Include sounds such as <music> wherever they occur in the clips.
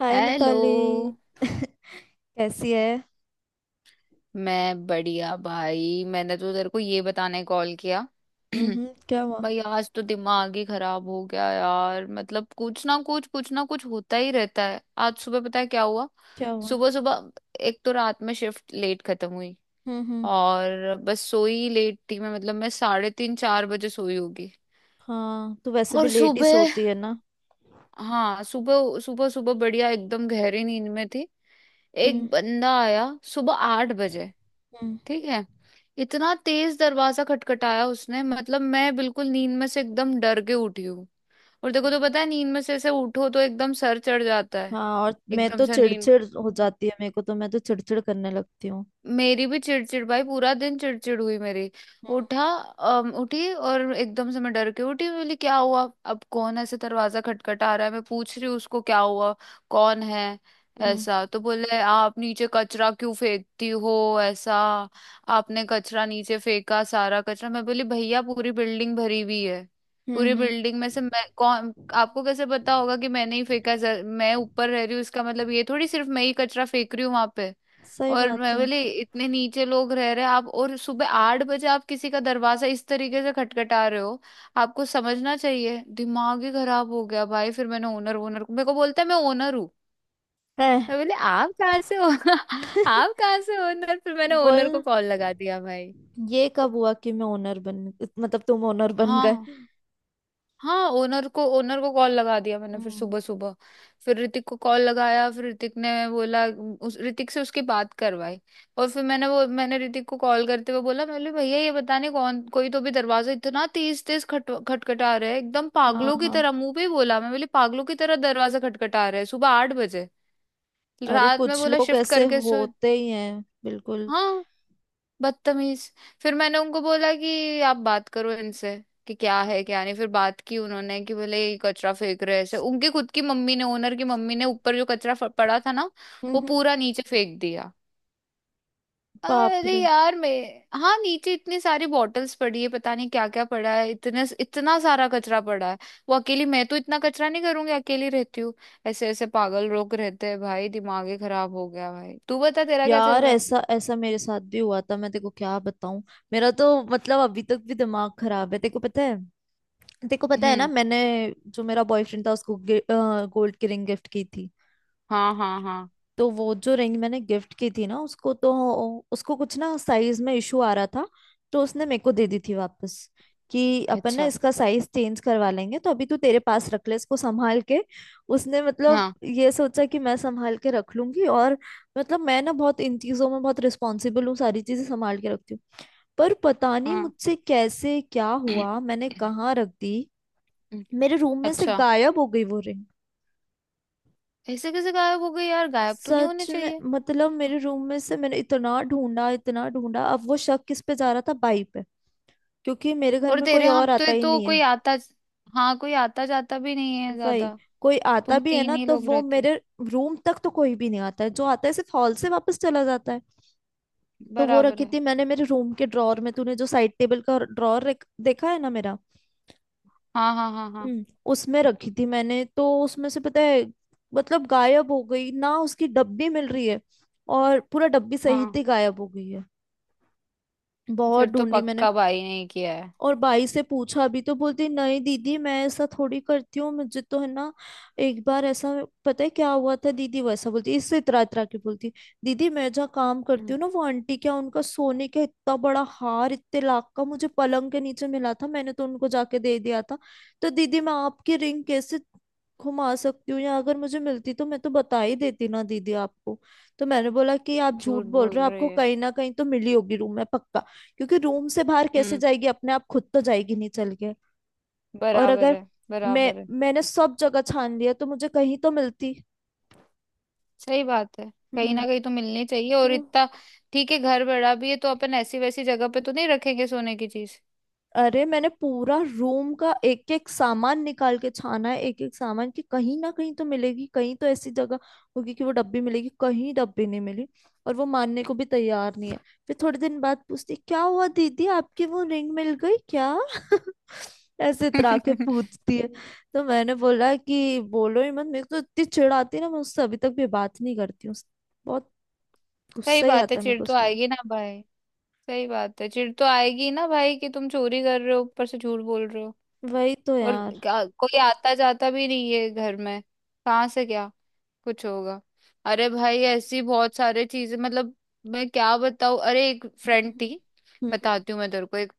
हाय hello. Mitali. कैसी है। मैं बढ़िया भाई, मैंने तो तेरे को ये बताने कॉल किया। <clears throat> हम्म, क्या हुआ। भाई आज तो दिमाग ही खराब हो गया यार, मतलब कुछ ना कुछ होता ही रहता है। आज सुबह पता है क्या हुआ? क्या हुआ। सुबह सुबह एक तो रात में शिफ्ट लेट खत्म हुई, हम्म। और बस सोई लेट थी, मैं मतलब मैं साढ़े 3-4 बजे सोई होगी। हाँ, तू वैसे भी और लेट ही सुबह, सोती है ना। हाँ सुबह सुबह सुबह बढ़िया एकदम गहरी नींद में थी। एक हम्म बंदा आया सुबह 8 बजे। हम्म। ठीक है। इतना तेज दरवाजा खटखटाया उसने, मतलब मैं बिल्कुल नींद में से एकदम डर के उठी हूँ। और देखो तो पता है, नींद में से ऐसे उठो तो एकदम सर चढ़ जाता है। हाँ, और मैं एकदम तो से नींद, चिड़चिड़ हो जाती है, मेरे को तो मैं तो चिड़चिड़ करने लगती हूँ। मेरी भी चिड़चिड़, भाई पूरा दिन चिड़चिड़ हुई मेरी। उठी और एकदम से मैं डर के उठी, बोली क्या हुआ, अब कौन ऐसे दरवाजा खटखटा रहा है, मैं पूछ रही हूँ उसको क्या हुआ, कौन है? हम्म ऐसा तो बोले, आप नीचे कचरा क्यों फेंकती हो, ऐसा आपने कचरा नीचे फेंका, सारा कचरा। मैं बोली भैया पूरी बिल्डिंग भरी हुई है, पूरी हम्म। बिल्डिंग में से मैं कौन, आपको कैसे पता होगा कि मैंने ही फेंका? मैं ऊपर रह रही हूँ, इसका मतलब ये थोड़ी सिर्फ मैं ही कचरा फेंक रही हूँ वहां पे। सही और बात मैं है। बोली, इतने नीचे लोग रह रहे हैं आप, और सुबह 8 बजे आप किसी का दरवाजा इस तरीके से खटखटा रहे हो, आपको समझना चाहिए। दिमाग ही खराब हो गया भाई। फिर मैंने ओनर ओनर को, मेरे को बोलता है मैं ओनर हूँ। है। मैं बोली आप कहाँ से हो <laughs> <laughs> आप कहाँ से ओनर? फिर मैंने बोल ओनर को ना, कॉल लगा दिया भाई। ये कब हुआ कि मैं ओनर बन। मतलब तुम ओनर बन गए। हाँ हाँ, ओनर को कॉल लगा दिया मैंने। फिर हम्म। सुबह सुबह फिर ऋतिक को कॉल लगाया, फिर ऋतिक ने बोला, उस ऋतिक से उसकी बात करवाई। और फिर मैंने ऋतिक को कॉल करते हुए बोला, मैंने बोला भैया ये बता नहीं, कौन कोई तो भी दरवाजा इतना तेज तेज खट खटखटा रहा है, एकदम हाँ पागलों की हाँ। तरह मुंह पे ही बोला, मैं बोली पागलों की तरह दरवाजा खटखटा रहा है सुबह 8 बजे, अरे रात में कुछ बोला लोग शिफ्ट ऐसे करके सो। होते ही हैं बिल्कुल। हाँ। बदतमीज। फिर मैंने उनको बोला कि आप बात करो इनसे कि क्या है क्या नहीं, फिर बात की उन्होंने, कि बोले ये कचरा फेंक रहे हैं ऐसे, उनकी खुद की मम्मी ने, ओनर की मम्मी ने ऊपर जो कचरा पड़ा था ना, हम्म वो हम्म, पूरा नीचे फेंक दिया। बाप अरे रे। यार मैं, हाँ नीचे इतनी सारी बॉटल्स पड़ी है, पता नहीं क्या क्या पड़ा है, इतने इतना सारा कचरा पड़ा है। वो अकेली, मैं तो इतना कचरा नहीं करूंगी, अकेली रहती हूँ। ऐसे ऐसे पागल लोग रहते हैं भाई, दिमाग ही खराब हो गया। भाई तू बता, तेरा क्या चल यार रहा है? ऐसा ऐसा मेरे साथ भी हुआ था, मैं तेको क्या बताऊं। मेरा तो मतलब अभी तक भी दिमाग खराब है, तेको पता है। तेको पता है ना, हम्म। मैंने जो मेरा बॉयफ्रेंड था उसको गोल्ड की रिंग गिफ्ट की थी। हाँ हाँ हाँ। तो वो जो रिंग मैंने गिफ्ट की थी ना उसको, तो उसको कुछ ना साइज में इशू आ रहा था। तो उसने मेरे को दे दी थी वापस कि अपन ना अच्छा। इसका साइज चेंज करवा लेंगे, तो अभी तू तेरे पास रख ले इसको संभाल के। उसने मतलब ये सोचा कि मैं संभाल के रख लूंगी। और मतलब मैं ना बहुत इन चीजों में बहुत रिस्पॉन्सिबल हूँ, सारी चीजें संभाल के रखती हूँ। पर पता नहीं हाँ। मुझसे कैसे क्या हुआ, मैंने <clears throat> कहाँ रख दी। मेरे रूम में से अच्छा, गायब हो गई वो रिंग। ऐसे कैसे गायब हो गई यार, गायब तो नहीं सच होने में चाहिए। मतलब मेरे रूम में से मैंने इतना ढूंढा इतना ढूंढा। अब वो शक किस पे जा रहा था, बाई पे। क्योंकि मेरे घर और में तेरे कोई यहाँ और आता तो, ही तो नहीं है। कोई आता, हाँ कोई आता जाता भी नहीं है वही, ज्यादा। कोई आता तुम भी है तीन ना ही तो लोग वो रहते। मेरे रूम तक तो कोई भी नहीं आता है। जो आता है सिर्फ हॉल से वापस चला जाता है। तो वो बराबर रखी है। थी मैंने मेरे रूम के ड्रॉर में, तूने जो साइड टेबल का ड्रॉर देखा है ना मेरा। हाँ हाँ हाँ हाँ। हम्म। उसमें रखी थी मैंने, तो उसमें से पता है मतलब गायब हो गई ना, उसकी डब्बी मिल रही है। और पूरा डब्बी हाँ। सहित ही गायब हो गई है। बहुत फिर तो ढूंढी मैंने। पक्का भाई ने ही किया है। और भाई से पूछा भी तो बोलती नहीं दीदी मैं ऐसा थोड़ी करती हूँ, मुझे तो है ना एक बार ऐसा पता है क्या हुआ था दीदी, वैसा बोलती इससे इतरा इतरा के बोलती, दीदी मैं जहाँ काम करती हम्म, हूँ ना वो आंटी क्या उनका सोने का इतना बड़ा हार इतने लाख का मुझे पलंग के नीचे मिला था, मैंने तो उनको जाके दे दिया था। तो दीदी मैं आपकी रिंग कैसे घुमा सकती हूँ, या अगर मुझे मिलती तो मैं तो बता ही देती ना दीदी आपको। तो मैंने बोला कि आप झूठ झूठ बोल बोल रहे हो, आपको रही है। कहीं ना कहीं तो मिली होगी रूम में पक्का। क्योंकि रूम से बाहर कैसे हम्म। जाएगी, अपने आप खुद तो जाएगी नहीं चल के। और बराबर अगर है, मैं, बराबर है, मैंने सब जगह छान लिया तो मुझे कहीं तो मिलती। सही बात है। कहीं हम्म। ना कहीं तो मिलनी चाहिए, और तो इतना। ठीक है, घर बड़ा भी है तो अपन ऐसी वैसी जगह पे तो नहीं रखेंगे सोने की चीज। अरे मैंने पूरा रूम का एक एक सामान निकाल के छाना है, एक एक सामान कि कहीं ना कहीं तो मिलेगी, कहीं तो ऐसी जगह होगी कि वो डब्बी मिलेगी। कहीं डब्बी नहीं मिली। और वो मानने को भी तैयार नहीं है। फिर थोड़े दिन बाद पूछती क्या हुआ दीदी आपकी वो रिंग मिल गई क्या। <laughs> ऐसे इतरा के <laughs> पूछती है। तो मैंने बोला कि बोलो ही मत, मेरे को तो इतनी चिढ़ आती है ना, मैं उससे अभी तक भी बात नहीं करती हूँ। बहुत सही गुस्सा ही बात है, आता है मेरे चिढ़ को तो उसके। आएगी ना भाई, सही बात है, चिढ़ तो आएगी ना भाई, कि तुम चोरी कर रहे हो ऊपर से झूठ बोल रहे हो। वही तो और यार। कोई आता जाता भी नहीं है घर में, कहाँ से क्या कुछ होगा। अरे भाई ऐसी बहुत सारे चीजें, मतलब मैं क्या बताऊँ, अरे एक हम्म फ्रेंड हम्म, थी। हम्म, बताती हूँ मैं तेरे को, एक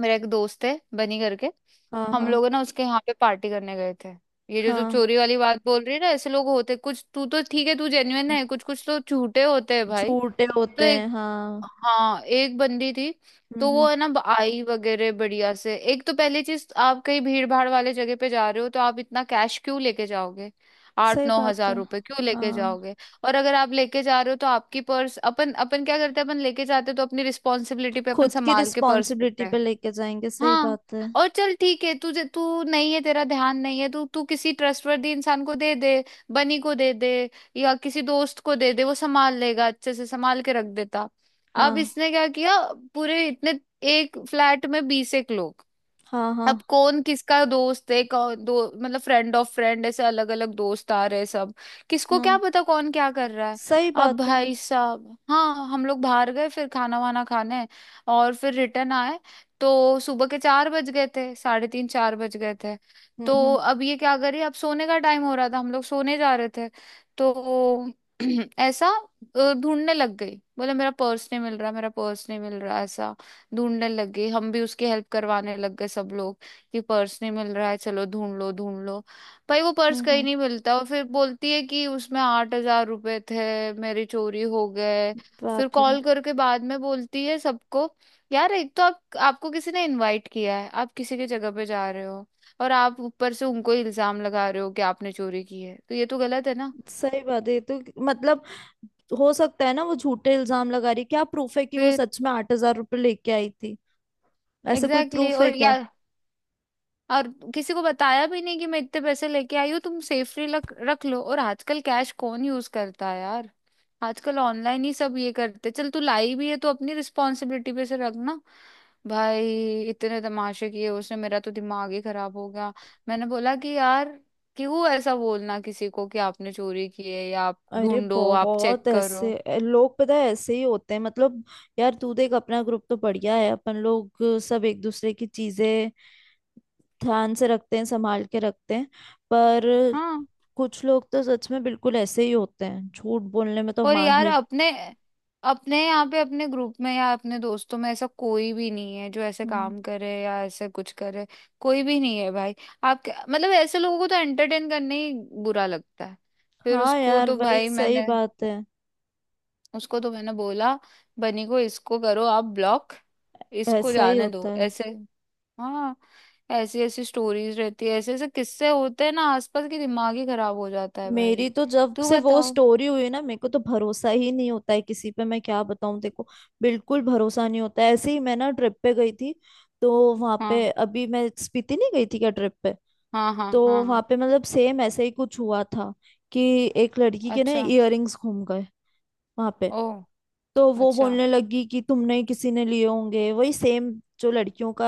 मेरा एक दोस्त है बनी करके। हाँ हम हाँ लोग ना उसके यहाँ पे पार्टी करने गए थे। ये जो तू हाँ। चोरी वाली बात बोल रही है ना, ऐसे लोग होते कुछ, तू तो ठीक है, तू जेन्युइन है, कुछ कुछ तो झूठे होते हैं भाई। झूठे तो होते हैं हाँ। हाँ एक बंदी थी, तो वो हम्म। है ना आई वगैरह बढ़िया से। एक तो पहली चीज, आप कहीं भीड़ भाड़ वाले जगह पे जा रहे हो तो आप इतना कैश क्यों लेके जाओगे? आठ सही नौ बात हजार है। रुपए क्यों लेके हाँ। जाओगे? और अगर आप लेके जा रहे हो तो आपकी पर्स, अपन अपन क्या करते हैं, अपन लेके जाते हैं तो अपनी रिस्पॉन्सिबिलिटी पे अपन खुद की संभाल के पर्स रखते रिस्पॉन्सिबिलिटी हैं। पे लेके जाएंगे, सही हाँ। बात है। और चल ठीक है, तुझे तू नहीं है, तेरा ध्यान नहीं है, तू तू किसी ट्रस्टवर्दी इंसान को दे दे, बनी को दे दे, या किसी दोस्त को दे दे, वो संभाल लेगा, अच्छे से संभाल के रख देता। अब हाँ इसने क्या किया, पूरे इतने, एक फ्लैट में 20 एक लोग, हाँ हाँ अब कौन किसका दोस्त है, कौन दो, मतलब फ्रेंड ऑफ फ्रेंड ऐसे अलग अलग दोस्त आ रहे हैं सब, किसको क्या हाँ। पता कौन क्या कर रहा है। सही अब बात है। भाई साहब हाँ, हम लोग बाहर गए फिर खाना वाना खाने, और फिर रिटर्न आए, तो सुबह के 4 बज गए थे, साढ़े 3-4 बज गए थे। हम्म तो हम्म अब ये क्या करिए, अब सोने का टाइम हो रहा था, हम लोग सोने जा रहे थे, तो <clears throat> ऐसा ढूंढने लग गई, बोले मेरा पर्स नहीं मिल रहा, मेरा पर्स नहीं मिल रहा, ऐसा ढूंढने लग गई। हम भी उसकी हेल्प करवाने लग गए सब लोग, कि पर्स नहीं मिल रहा है, चलो ढूंढ लो ढूंढ लो। भाई वो पर्स कहीं हम्म। नहीं मिलता, और फिर बोलती है कि उसमें 8 हजार रुपए थे, मेरी चोरी हो गए। फिर बाप रे। कॉल करके बाद में बोलती है सबको, यार एक तो आप आपको किसी ने इनवाइट किया है, आप किसी की जगह पे जा रहे हो, और आप ऊपर से उनको इल्जाम लगा रहे हो कि आपने चोरी की है, तो ये तो गलत है ना। सही बात है ये तो। मतलब हो सकता है ना वो झूठे इल्जाम लगा रही है। क्या प्रूफ है कि वो फिर सच में 8,000 रुपये लेके आई थी। ऐसे कोई एग्जैक्टली, प्रूफ है और क्या। यार, और किसी को बताया भी नहीं कि मैं इतने पैसे लेके आई हूँ, तुम सेफली रख रख लो। और आजकल कैश कौन यूज करता है यार, आजकल ऑनलाइन ही सब ये करते। चल तू लाई भी है तो अपनी रिस्पॉन्सिबिलिटी पे से रखना। भाई इतने तमाशे किए उसने, मेरा तो दिमाग ही खराब हो गया। मैंने बोला कि यार क्यों ऐसा बोलना किसी को कि आपने चोरी की है, या आप अरे ढूंढो, आप चेक बहुत करो। ऐसे लोग पता है ऐसे ही होते हैं मतलब। यार तू देख अपना ग्रुप तो बढ़िया है अपन लोग, सब एक दूसरे की चीजें ध्यान से रखते हैं संभाल के रखते हैं। पर हाँ। कुछ लोग तो सच में बिल्कुल ऐसे ही होते हैं, झूठ बोलने में तो और यार माहिर। अपने अपने यहाँ पे, अपने ग्रुप में या अपने दोस्तों में ऐसा कोई भी नहीं है जो ऐसे हम्म। काम करे या ऐसे कुछ करे, कोई भी नहीं है भाई। आप मतलब ऐसे लोगों को तो एंटरटेन करने ही बुरा लगता है। फिर हाँ उसको यार तो वही भाई सही मैंने, बात है। उसको तो मैंने बोला बनी को, इसको करो आप ब्लॉक, इसको ऐसा ही जाने होता दो है। ऐसे। हाँ। ऐसी ऐसी स्टोरीज रहती है, ऐसे ऐसे किस्से होते हैं ना आसपास की, दिमाग ही खराब हो जाता है भाई। मेरी तो जब तू से वो बताओ। स्टोरी हुई ना मेरे को तो भरोसा ही नहीं होता है किसी पे, मैं क्या बताऊं देखो। बिल्कुल भरोसा नहीं होता है। ऐसे ही मैं ना ट्रिप पे गई थी, तो वहां पे, हाँ अभी मैं स्पीति नहीं गई थी क्या ट्रिप पे, हाँ हाँ तो हाँ। वहां हाँ। पे मतलब सेम ऐसे ही कुछ हुआ था कि एक लड़की के ना अच्छा। इयररिंग्स घूम गए वहां पे। ओह। तो वो अच्छा। बोलने लगी कि तुमने किसी ने लिए होंगे, वही सेम। जो लड़कियों का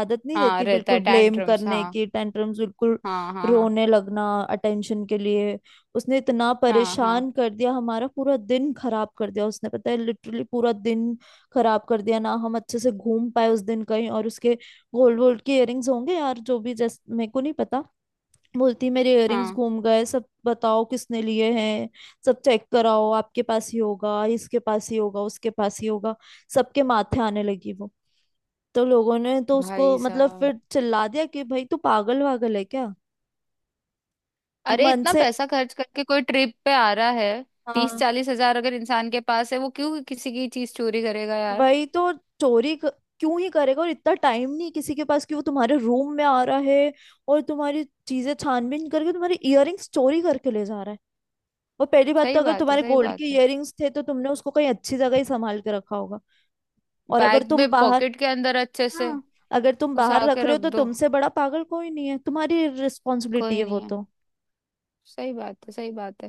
आदत नहीं हाँ रहती, रहता बिल्कुल है ब्लेम टैंट्रम्स, करने हाँ की, टेंटरम्स बिल्कुल, हाँ हाँ। हाँ रोने लगना, अटेंशन के लिए। उसने इतना हाँ हाँ परेशान कर दिया, हमारा पूरा दिन खराब कर दिया उसने, पता है लिटरली पूरा दिन खराब कर दिया। ना हम अच्छे से घूम पाए उस दिन कहीं और। उसके गोल्ड वोल्ड के इयररिंग्स होंगे यार जो भी, जैसे मेरे को नहीं पता। बोलती मेरे इयररिंग्स हाँ। घूम गए, सब बताओ किसने लिए हैं, सब चेक कराओ, आपके पास ही होगा, इसके पास ही होगा, उसके पास ही होगा। सबके माथे आने लगी वो। तो लोगों ने तो उसको भाई मतलब साहब, फिर चिल्ला दिया कि भाई तू पागल वागल है क्या, कि अरे मन इतना से। पैसा खर्च करके कोई ट्रिप पे आ रहा है, तीस हाँ। चालीस हजार अगर इंसान के पास है, वो क्यों किसी की चीज चोरी करेगा यार। वही तो, चोरी क... क्यों ही करेगा। और इतना टाइम नहीं किसी के पास कि वो तुम्हारे रूम में आ रहा है और तुम्हारी चीजें छानबीन करके तुम्हारे इयररिंग्स चोरी करके ले जा रहा है। और पहली बात तो सही अगर बात है, तुम्हारे सही गोल्ड के बात है। इयररिंग्स थे तो तुमने उसको कहीं अच्छी जगह ही संभाल के रखा होगा। और अगर बैग तुम में बाहर पॉकेट के अंदर अच्छे से हाँ, अगर तुम बाहर घुसा के रख रहे हो रख तो दो, तुमसे बड़ा पागल कोई नहीं है, तुम्हारी रिस्पॉन्सिबिलिटी कोई है वो नहीं। तो। सही बात है, सही बात है।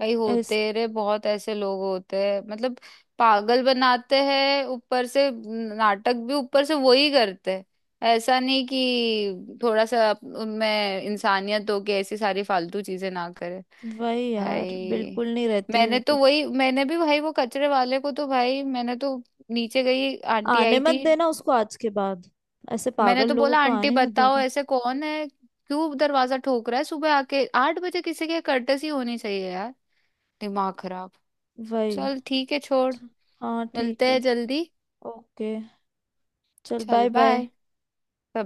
भाई इस होते रे, बहुत ऐसे लोग होते हैं मतलब, पागल बनाते हैं ऊपर से, नाटक भी ऊपर से वही करते हैं। ऐसा नहीं कि थोड़ा सा उनमें इंसानियत हो कि ऐसी सारी फालतू चीजें ना करे। वही यार, भाई बिल्कुल नहीं रहती है वो मैंने तो तो। वही, मैंने भी भाई वो कचरे वाले को तो भाई मैंने तो, नीचे गई, आंटी आने आई मत थी, देना उसको आज के बाद, ऐसे मैंने पागल तो लोगों बोला को आंटी आने ही मत बताओ देगा। ऐसे कौन है, क्यों दरवाजा ठोक रहा है सुबह आके 8 बजे, किसी के कर्टसी होनी चाहिए, दिमाग खराब। वही। चल ठीक है छोड़, च- हाँ मिलते ठीक हैं है। जल्दी। ओके, चल चल बाय बाय। Bye bye.